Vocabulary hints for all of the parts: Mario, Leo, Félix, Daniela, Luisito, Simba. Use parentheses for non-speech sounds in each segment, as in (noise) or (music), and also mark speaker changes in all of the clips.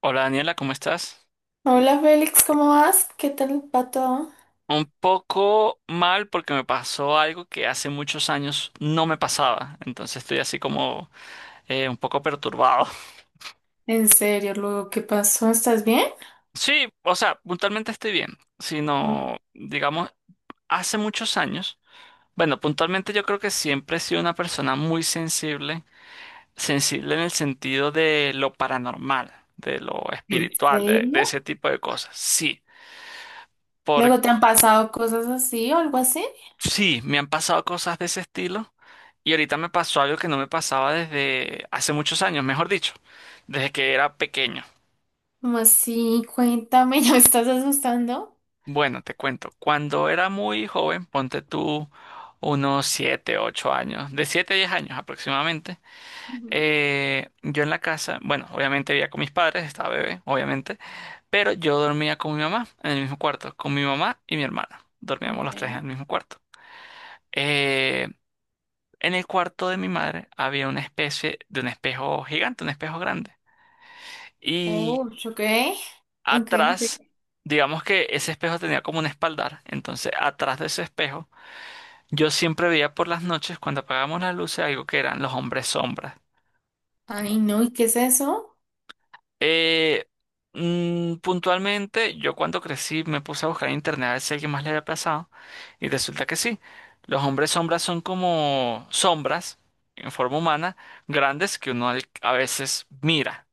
Speaker 1: Hola Daniela, ¿cómo estás?
Speaker 2: Hola Félix, ¿cómo vas? ¿Qué tal va todo?
Speaker 1: Un poco mal porque me pasó algo que hace muchos años no me pasaba, entonces estoy así como un poco perturbado. (laughs)
Speaker 2: ¿En serio, luego qué pasó? ¿Estás bien?
Speaker 1: Sí, o sea, puntualmente estoy bien, sino, digamos, hace muchos años, bueno, puntualmente yo creo que siempre he sido una persona muy sensible, sensible en el sentido de lo paranormal, de lo
Speaker 2: ¿En
Speaker 1: espiritual, de
Speaker 2: serio?
Speaker 1: ese tipo de cosas, sí. Porque
Speaker 2: ¿Luego te han pasado cosas así o algo así?
Speaker 1: sí, me han pasado cosas de ese estilo y ahorita me pasó algo que no me pasaba desde hace muchos años, mejor dicho, desde que era pequeño.
Speaker 2: ¿Cómo así? Cuéntame, (laughs) ¿ya me estás asustando?
Speaker 1: Bueno, te cuento, cuando era muy joven, ponte tú unos 7, 8 años, de siete a 10 años aproximadamente.
Speaker 2: Ujú,
Speaker 1: Yo en la casa, bueno, obviamente vivía con mis padres, estaba bebé, obviamente, pero yo dormía con mi mamá en el mismo cuarto, con mi mamá y mi hermana, dormíamos
Speaker 2: ok.
Speaker 1: los tres en el mismo cuarto. Eh, En el cuarto de mi madre había una especie de un espejo gigante, un espejo grande. Y
Speaker 2: Oh, ok. Ok,
Speaker 1: atrás,
Speaker 2: ok.
Speaker 1: digamos que ese espejo tenía como un espaldar. Entonces, atrás de ese espejo, yo siempre veía por las noches, cuando apagábamos las luces, algo que eran los hombres sombras.
Speaker 2: Ay, no, ¿y qué es eso?
Speaker 1: Eh, Puntualmente, yo cuando crecí me puse a buscar en internet a ver si alguien más le había pasado. Y resulta que sí. Los hombres sombras son como sombras en forma humana, grandes que uno a veces mira.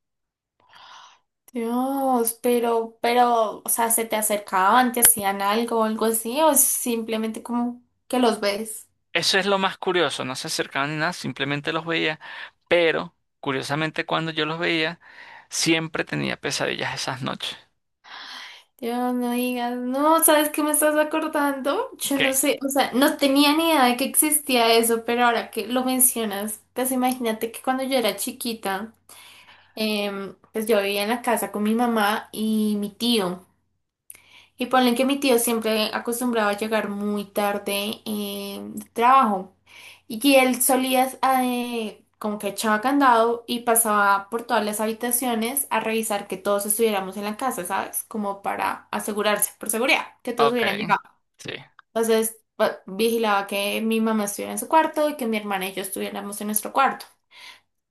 Speaker 2: Dios, pero, o sea, ¿se te acercaban, te hacían algo o algo así? ¿O simplemente como que los ves?
Speaker 1: Eso es lo más curioso, no se acercaban ni nada, simplemente los veía, pero curiosamente cuando yo los veía, siempre tenía pesadillas esas noches.
Speaker 2: Dios, no digas, no, ¿sabes qué me estás acordando? Yo no
Speaker 1: ¿Qué?
Speaker 2: sé, o sea, no tenía ni idea de que existía eso, pero ahora que lo mencionas, pues imagínate que cuando yo era chiquita, pues yo vivía en la casa con mi mamá y mi tío. Y ponle que mi tío siempre acostumbraba a llegar muy tarde de trabajo. Y él solía, como que echaba candado y pasaba por todas las habitaciones a revisar que todos estuviéramos en la casa, ¿sabes? Como para asegurarse, por seguridad, que todos
Speaker 1: Ok,
Speaker 2: hubieran llegado.
Speaker 1: sí,
Speaker 2: Entonces, vigilaba que mi mamá estuviera en su cuarto y que mi hermana y yo estuviéramos en nuestro cuarto.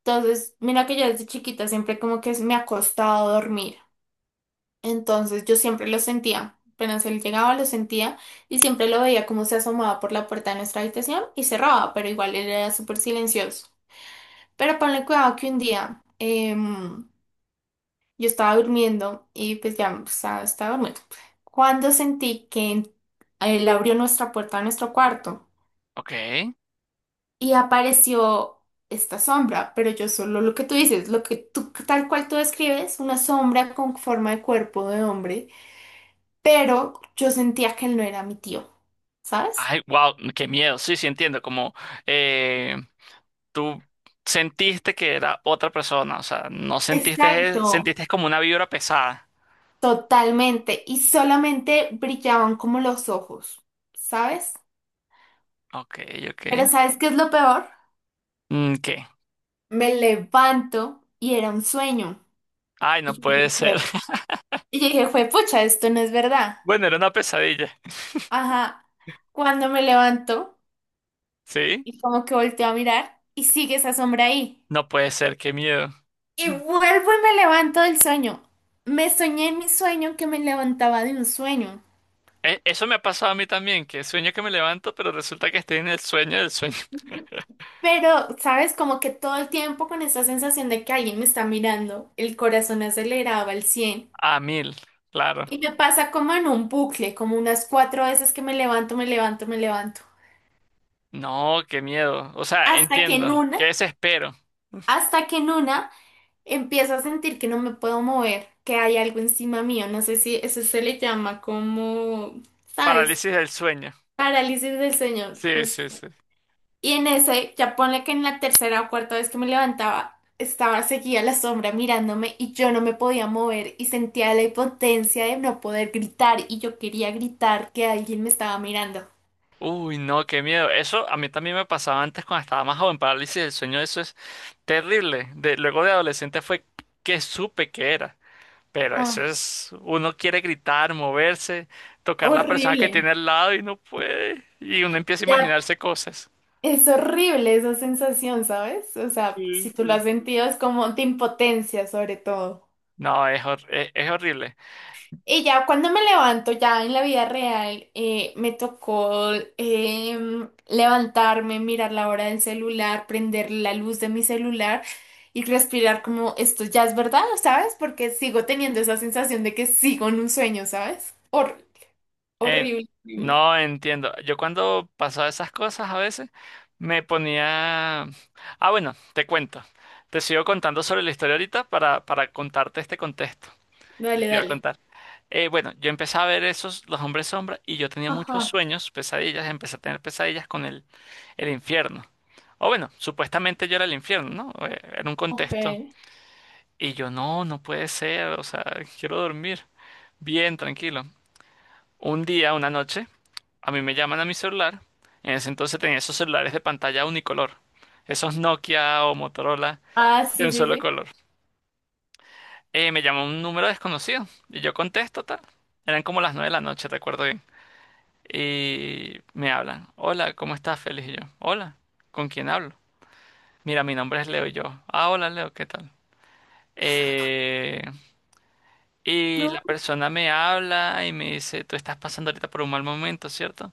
Speaker 2: Entonces, mira que yo desde chiquita siempre como que me ha costado dormir. Entonces yo siempre lo sentía. Apenas él llegaba, lo sentía y siempre lo veía como se asomaba por la puerta de nuestra habitación y cerraba, pero igual él era súper silencioso. Pero ponle cuidado que un día yo estaba durmiendo y pues ya pues, estaba durmiendo. Cuando sentí que él abrió nuestra puerta a nuestro cuarto
Speaker 1: ok.
Speaker 2: y apareció esta sombra, pero yo solo lo que tú dices, lo que tú tal cual tú describes, una sombra con forma de cuerpo de hombre pero yo sentía que él no era mi tío, ¿sabes?
Speaker 1: Ay, wow, qué miedo, sí, sí entiendo, como eh, tú sentiste que era otra persona, o sea, no
Speaker 2: Exacto.
Speaker 1: sentiste, sentiste como una vibra pesada.
Speaker 2: Totalmente, y solamente brillaban como los ojos, ¿sabes?
Speaker 1: Ok, ok.
Speaker 2: Pero ¿sabes qué es lo peor?
Speaker 1: Mm, ¿qué?
Speaker 2: Me levanto y era un sueño.
Speaker 1: Ay, no
Speaker 2: Y yo
Speaker 1: puede
Speaker 2: dije,
Speaker 1: ser.
Speaker 2: "Jue-
Speaker 1: (laughs)
Speaker 2: y yo dije, fue pucha, esto no es verdad.
Speaker 1: Bueno, era una pesadilla,
Speaker 2: Ajá, cuando me levanto
Speaker 1: ¿sí?
Speaker 2: y como que volteo a mirar y sigue esa sombra ahí.
Speaker 1: No puede ser, qué miedo.
Speaker 2: Y vuelvo y me levanto del sueño. Me soñé en mi sueño que me levantaba de un sueño.
Speaker 1: Eso me ha pasado a mí también, que sueño que me levanto, pero resulta que estoy en el sueño del sueño. (laughs)
Speaker 2: Pero, ¿sabes? Como que todo el tiempo con esa sensación de que alguien me está mirando, el corazón aceleraba al cien.
Speaker 1: A mil, claro.
Speaker 2: Y me pasa como en un bucle, como unas cuatro veces que me levanto, me levanto, me levanto.
Speaker 1: No, qué miedo. O sea,
Speaker 2: Hasta que en
Speaker 1: entiendo. Qué
Speaker 2: una,
Speaker 1: desespero.
Speaker 2: hasta que en una, empiezo a sentir que no me puedo mover, que hay algo encima mío. No sé si eso se le llama como, ¿sabes?
Speaker 1: Parálisis del sueño.
Speaker 2: Parálisis del sueño,
Speaker 1: Sí, sí, sí.
Speaker 2: y en ese, ya ponle que en la tercera o cuarta vez que me levantaba, estaba seguía la sombra mirándome y yo no me podía mover y sentía la impotencia de no poder gritar y yo quería gritar que alguien me estaba mirando.
Speaker 1: Uy, no, qué miedo. Eso a mí también me pasaba antes cuando estaba más joven. Parálisis del sueño, eso es terrible. Luego de adolescente fue que supe que era. Pero eso
Speaker 2: Ah,
Speaker 1: es, uno quiere gritar, moverse, tocar la persona que
Speaker 2: horrible.
Speaker 1: tiene al lado y no puede. Y uno empieza a
Speaker 2: Ya,
Speaker 1: imaginarse cosas.
Speaker 2: es horrible esa sensación, ¿sabes? O sea,
Speaker 1: Sí.
Speaker 2: si tú lo has sentido es como de impotencia sobre todo.
Speaker 1: No, es, es horrible.
Speaker 2: Y ya cuando me levanto, ya en la vida real, me tocó levantarme, mirar la hora del celular, prender la luz de mi celular y respirar como esto ya es verdad, ¿sabes? Porque sigo teniendo esa sensación de que sigo en un sueño, ¿sabes?
Speaker 1: Eh,
Speaker 2: Horrible, horrible.
Speaker 1: no entiendo. Yo cuando pasaba esas cosas a veces me ponía. Ah, bueno, te cuento. Te sigo contando sobre la historia ahorita para contarte este contexto que
Speaker 2: Dale,
Speaker 1: te iba a
Speaker 2: dale.
Speaker 1: contar. Bueno, yo empecé a ver esos, los hombres sombra, y yo tenía muchos
Speaker 2: Ajá,
Speaker 1: sueños, pesadillas, empecé a tener pesadillas con el infierno. O bueno, supuestamente yo era el infierno, ¿no? Era un
Speaker 2: ok.
Speaker 1: contexto. Y yo, no, no puede ser, o sea, quiero dormir bien, tranquilo. Un día, una noche, a mí me llaman a mi celular. En ese entonces tenía esos celulares de pantalla unicolor, esos Nokia o Motorola
Speaker 2: Ah,
Speaker 1: de
Speaker 2: sí,
Speaker 1: un
Speaker 2: sí,
Speaker 1: solo
Speaker 2: sí.
Speaker 1: color. Me llama un número desconocido y yo contesto tal. Eran como las 9 de la noche, recuerdo bien. Y me hablan. Hola, ¿cómo estás, Félix? Y yo, hola, ¿con quién hablo? Mira, mi nombre es Leo y yo. Ah, hola, Leo, ¿qué tal? Eh, y
Speaker 2: No,
Speaker 1: la persona me habla y me dice, tú estás pasando ahorita por un mal momento, ¿cierto?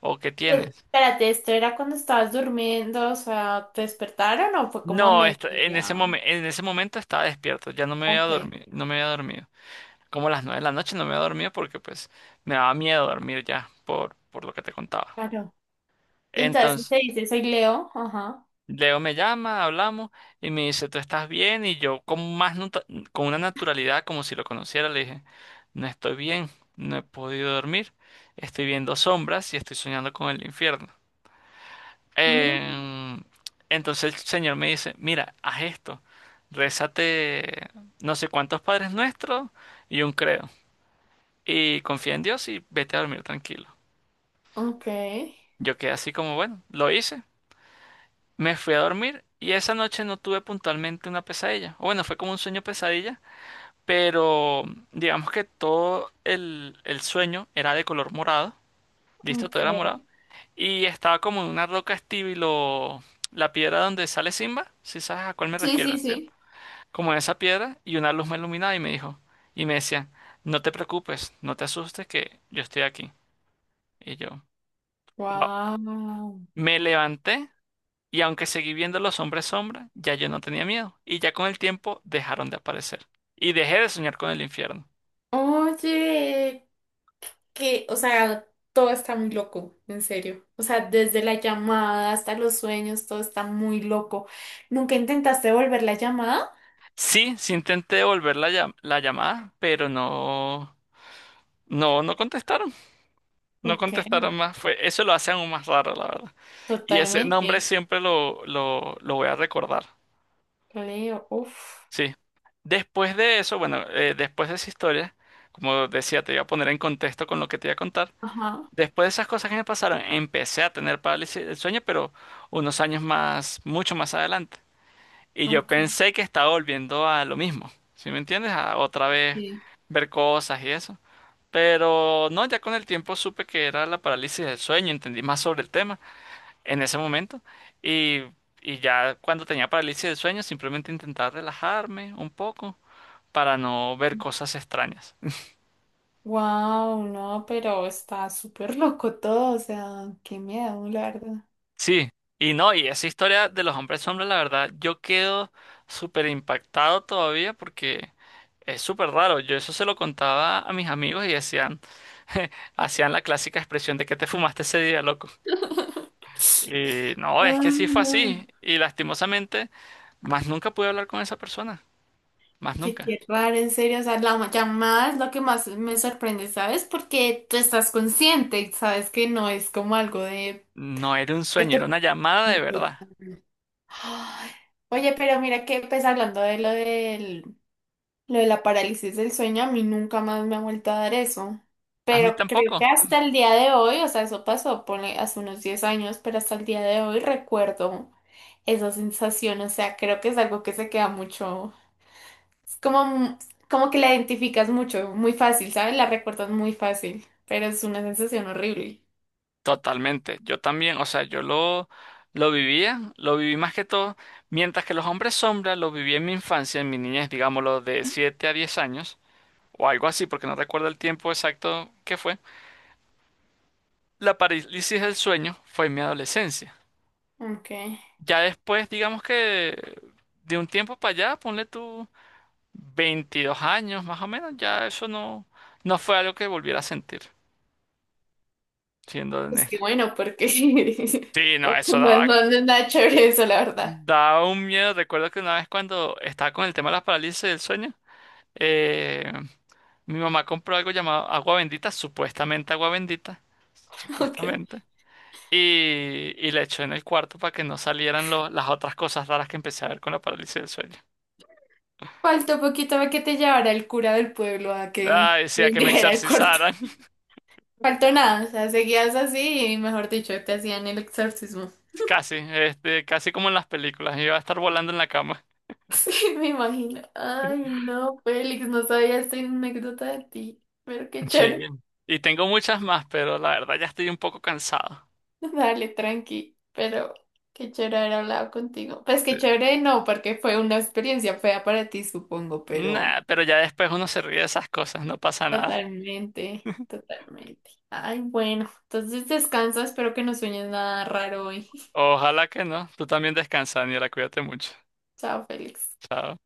Speaker 1: ¿O qué
Speaker 2: pero
Speaker 1: tienes?
Speaker 2: espérate, ¿esto era cuando estabas durmiendo? O sea, ¿te despertaron o fue como a
Speaker 1: No,
Speaker 2: mediodía?
Speaker 1: en ese momento estaba despierto, ya no me había
Speaker 2: Ok,
Speaker 1: dormido, no me había dormido. Como a las 9 de la noche no me había dormido porque pues me daba miedo dormir ya por lo que te contaba.
Speaker 2: claro. Y entonces
Speaker 1: Entonces,
Speaker 2: usted dice, soy Leo. Ajá.
Speaker 1: Leo me llama, hablamos y me dice, ¿tú estás bien? Y yo con una naturalidad como si lo conociera le dije, no estoy bien, no he podido dormir, estoy viendo sombras y estoy soñando con el infierno.
Speaker 2: Mm,
Speaker 1: Em, entonces el señor me dice, mira, haz esto, rézate no sé cuántos padres nuestros y un credo, y confía en Dios y vete a dormir tranquilo.
Speaker 2: ok,
Speaker 1: Yo quedé así como, bueno, lo hice, me fui a dormir y esa noche no tuve puntualmente una pesadilla, o bueno, fue como un sueño pesadilla, pero digamos que todo el sueño era de color morado. Listo, todo era morado.
Speaker 2: ok.
Speaker 1: Y estaba como en una roca estilo la piedra donde sale Simba, si sabes a cuál me
Speaker 2: Sí, sí,
Speaker 1: refiero, ¿sí?
Speaker 2: sí.
Speaker 1: Como en esa piedra y una luz me iluminaba y me dijo, y me decía, no te preocupes, no te asustes que yo estoy aquí. Y yo, wow.
Speaker 2: Wow.
Speaker 1: Me levanté y aunque seguí viendo los hombres sombra, ya yo no tenía miedo. Y ya con el tiempo dejaron de aparecer. Y dejé de soñar con el infierno.
Speaker 2: Oye, que, o sea, todo está muy loco, en serio. O sea, desde la llamada hasta los sueños, todo está muy loco. ¿Nunca intentaste volver la llamada?
Speaker 1: Sí, sí intenté devolver la llamada, pero no, no, no contestaron. No
Speaker 2: Ok,
Speaker 1: contestaron más, fue, eso lo hace aún más raro, la verdad. Y ese nombre
Speaker 2: totalmente.
Speaker 1: siempre lo voy a recordar,
Speaker 2: Leo, uff.
Speaker 1: sí. Después de eso, bueno, después de esa historia, como decía, te iba a poner en contexto con lo que te iba a contar.
Speaker 2: Ajá,
Speaker 1: Después de esas cosas que me pasaron, empecé a tener parálisis del sueño, pero unos años más, mucho más adelante. Y yo
Speaker 2: ok.
Speaker 1: pensé que estaba volviendo a lo mismo, ¿sí me entiendes? A otra vez
Speaker 2: Sí.
Speaker 1: ver cosas y eso. Pero no, ya con el tiempo supe que era la parálisis del sueño, entendí más sobre el tema en ese momento. Y, y ya cuando tenía parálisis del sueño, simplemente intentaba relajarme un poco para no ver cosas extrañas.
Speaker 2: Wow, no, pero está súper loco todo, o sea, qué miedo, la verdad.
Speaker 1: Sí, y no, y esa historia de los hombres sombra, la verdad, yo quedo súper impactado todavía porque es súper raro. Yo eso se lo contaba a mis amigos y decían, (laughs) hacían la clásica expresión de que te fumaste ese día, loco.
Speaker 2: (laughs)
Speaker 1: Y no,
Speaker 2: No,
Speaker 1: es que sí fue
Speaker 2: no.
Speaker 1: así. Y lastimosamente, más nunca pude hablar con esa persona. Más
Speaker 2: Oye,
Speaker 1: nunca.
Speaker 2: qué raro, en serio. O sea, la llamada es lo que más me sorprende, ¿sabes? Porque tú estás consciente y sabes que no es como algo de...
Speaker 1: No era un
Speaker 2: que
Speaker 1: sueño, era
Speaker 2: te-
Speaker 1: una llamada de verdad.
Speaker 2: Ay, oye, pero mira que pues hablando de lo del, lo de la parálisis del sueño, a mí nunca más me ha vuelto a dar eso.
Speaker 1: A mí
Speaker 2: Pero creo que
Speaker 1: tampoco.
Speaker 2: hasta el día de hoy, o sea, eso pasó ponle, hace unos 10 años, pero hasta el día de hoy recuerdo esa sensación. O sea, creo que es algo que se queda mucho. Es como, como que la identificas mucho, muy fácil, ¿sabes? La recuerdas muy fácil, pero es una sensación horrible.
Speaker 1: Totalmente. Yo también, o sea, yo lo vivía, lo viví más que todo, mientras que los hombres sombra lo viví en mi infancia, en mi niñez, digámoslo, de 7 a 10 años, o algo así, porque no recuerdo el tiempo exacto que fue. La parálisis del sueño fue en mi adolescencia.
Speaker 2: Ok.
Speaker 1: Ya después, digamos que de un tiempo para allá, ponle tú 22 años más o menos, ya eso no fue algo que volviera a sentir, siendo
Speaker 2: Es que
Speaker 1: honesto.
Speaker 2: bueno, porque,
Speaker 1: Sí,
Speaker 2: (laughs)
Speaker 1: no, eso
Speaker 2: porque no,
Speaker 1: daba,
Speaker 2: no no es nada chévere eso, la verdad.
Speaker 1: daba un miedo. Recuerdo que una vez cuando estaba con el tema de las parálisis del sueño, eh, mi mamá compró algo llamado agua bendita,
Speaker 2: (laughs) Ok.
Speaker 1: supuestamente, y la echó en el cuarto para que no salieran las otras cosas raras que empecé a ver con la parálisis del sueño.
Speaker 2: Faltó poquito para que te llevara el cura del pueblo a que
Speaker 1: Ah,
Speaker 2: (laughs) te
Speaker 1: decía que me
Speaker 2: vendiera el cuarto.
Speaker 1: exorcizaran,
Speaker 2: Faltó nada, o sea, seguías así y mejor dicho, te hacían el exorcismo. (laughs)
Speaker 1: (laughs) casi, este, casi como en las películas, iba a estar volando en la cama.
Speaker 2: Sí, me imagino. Ay, no, Félix, no sabía esta anécdota de ti, pero qué
Speaker 1: Sí.
Speaker 2: chévere.
Speaker 1: Y tengo muchas más, pero la verdad ya estoy un poco cansado.
Speaker 2: (laughs) Dale, tranqui, pero qué chévere haber hablado contigo. Pues qué chévere no, porque fue una experiencia fea para ti, supongo, pero
Speaker 1: Nah, pero ya después uno se ríe de esas cosas, no pasa nada.
Speaker 2: totalmente, totalmente. Ay, bueno, entonces descansa, espero que no sueñes nada raro hoy.
Speaker 1: Ojalá que no. Tú también descansa, Daniela, cuídate mucho.
Speaker 2: (laughs) Chao, Félix.
Speaker 1: Chao.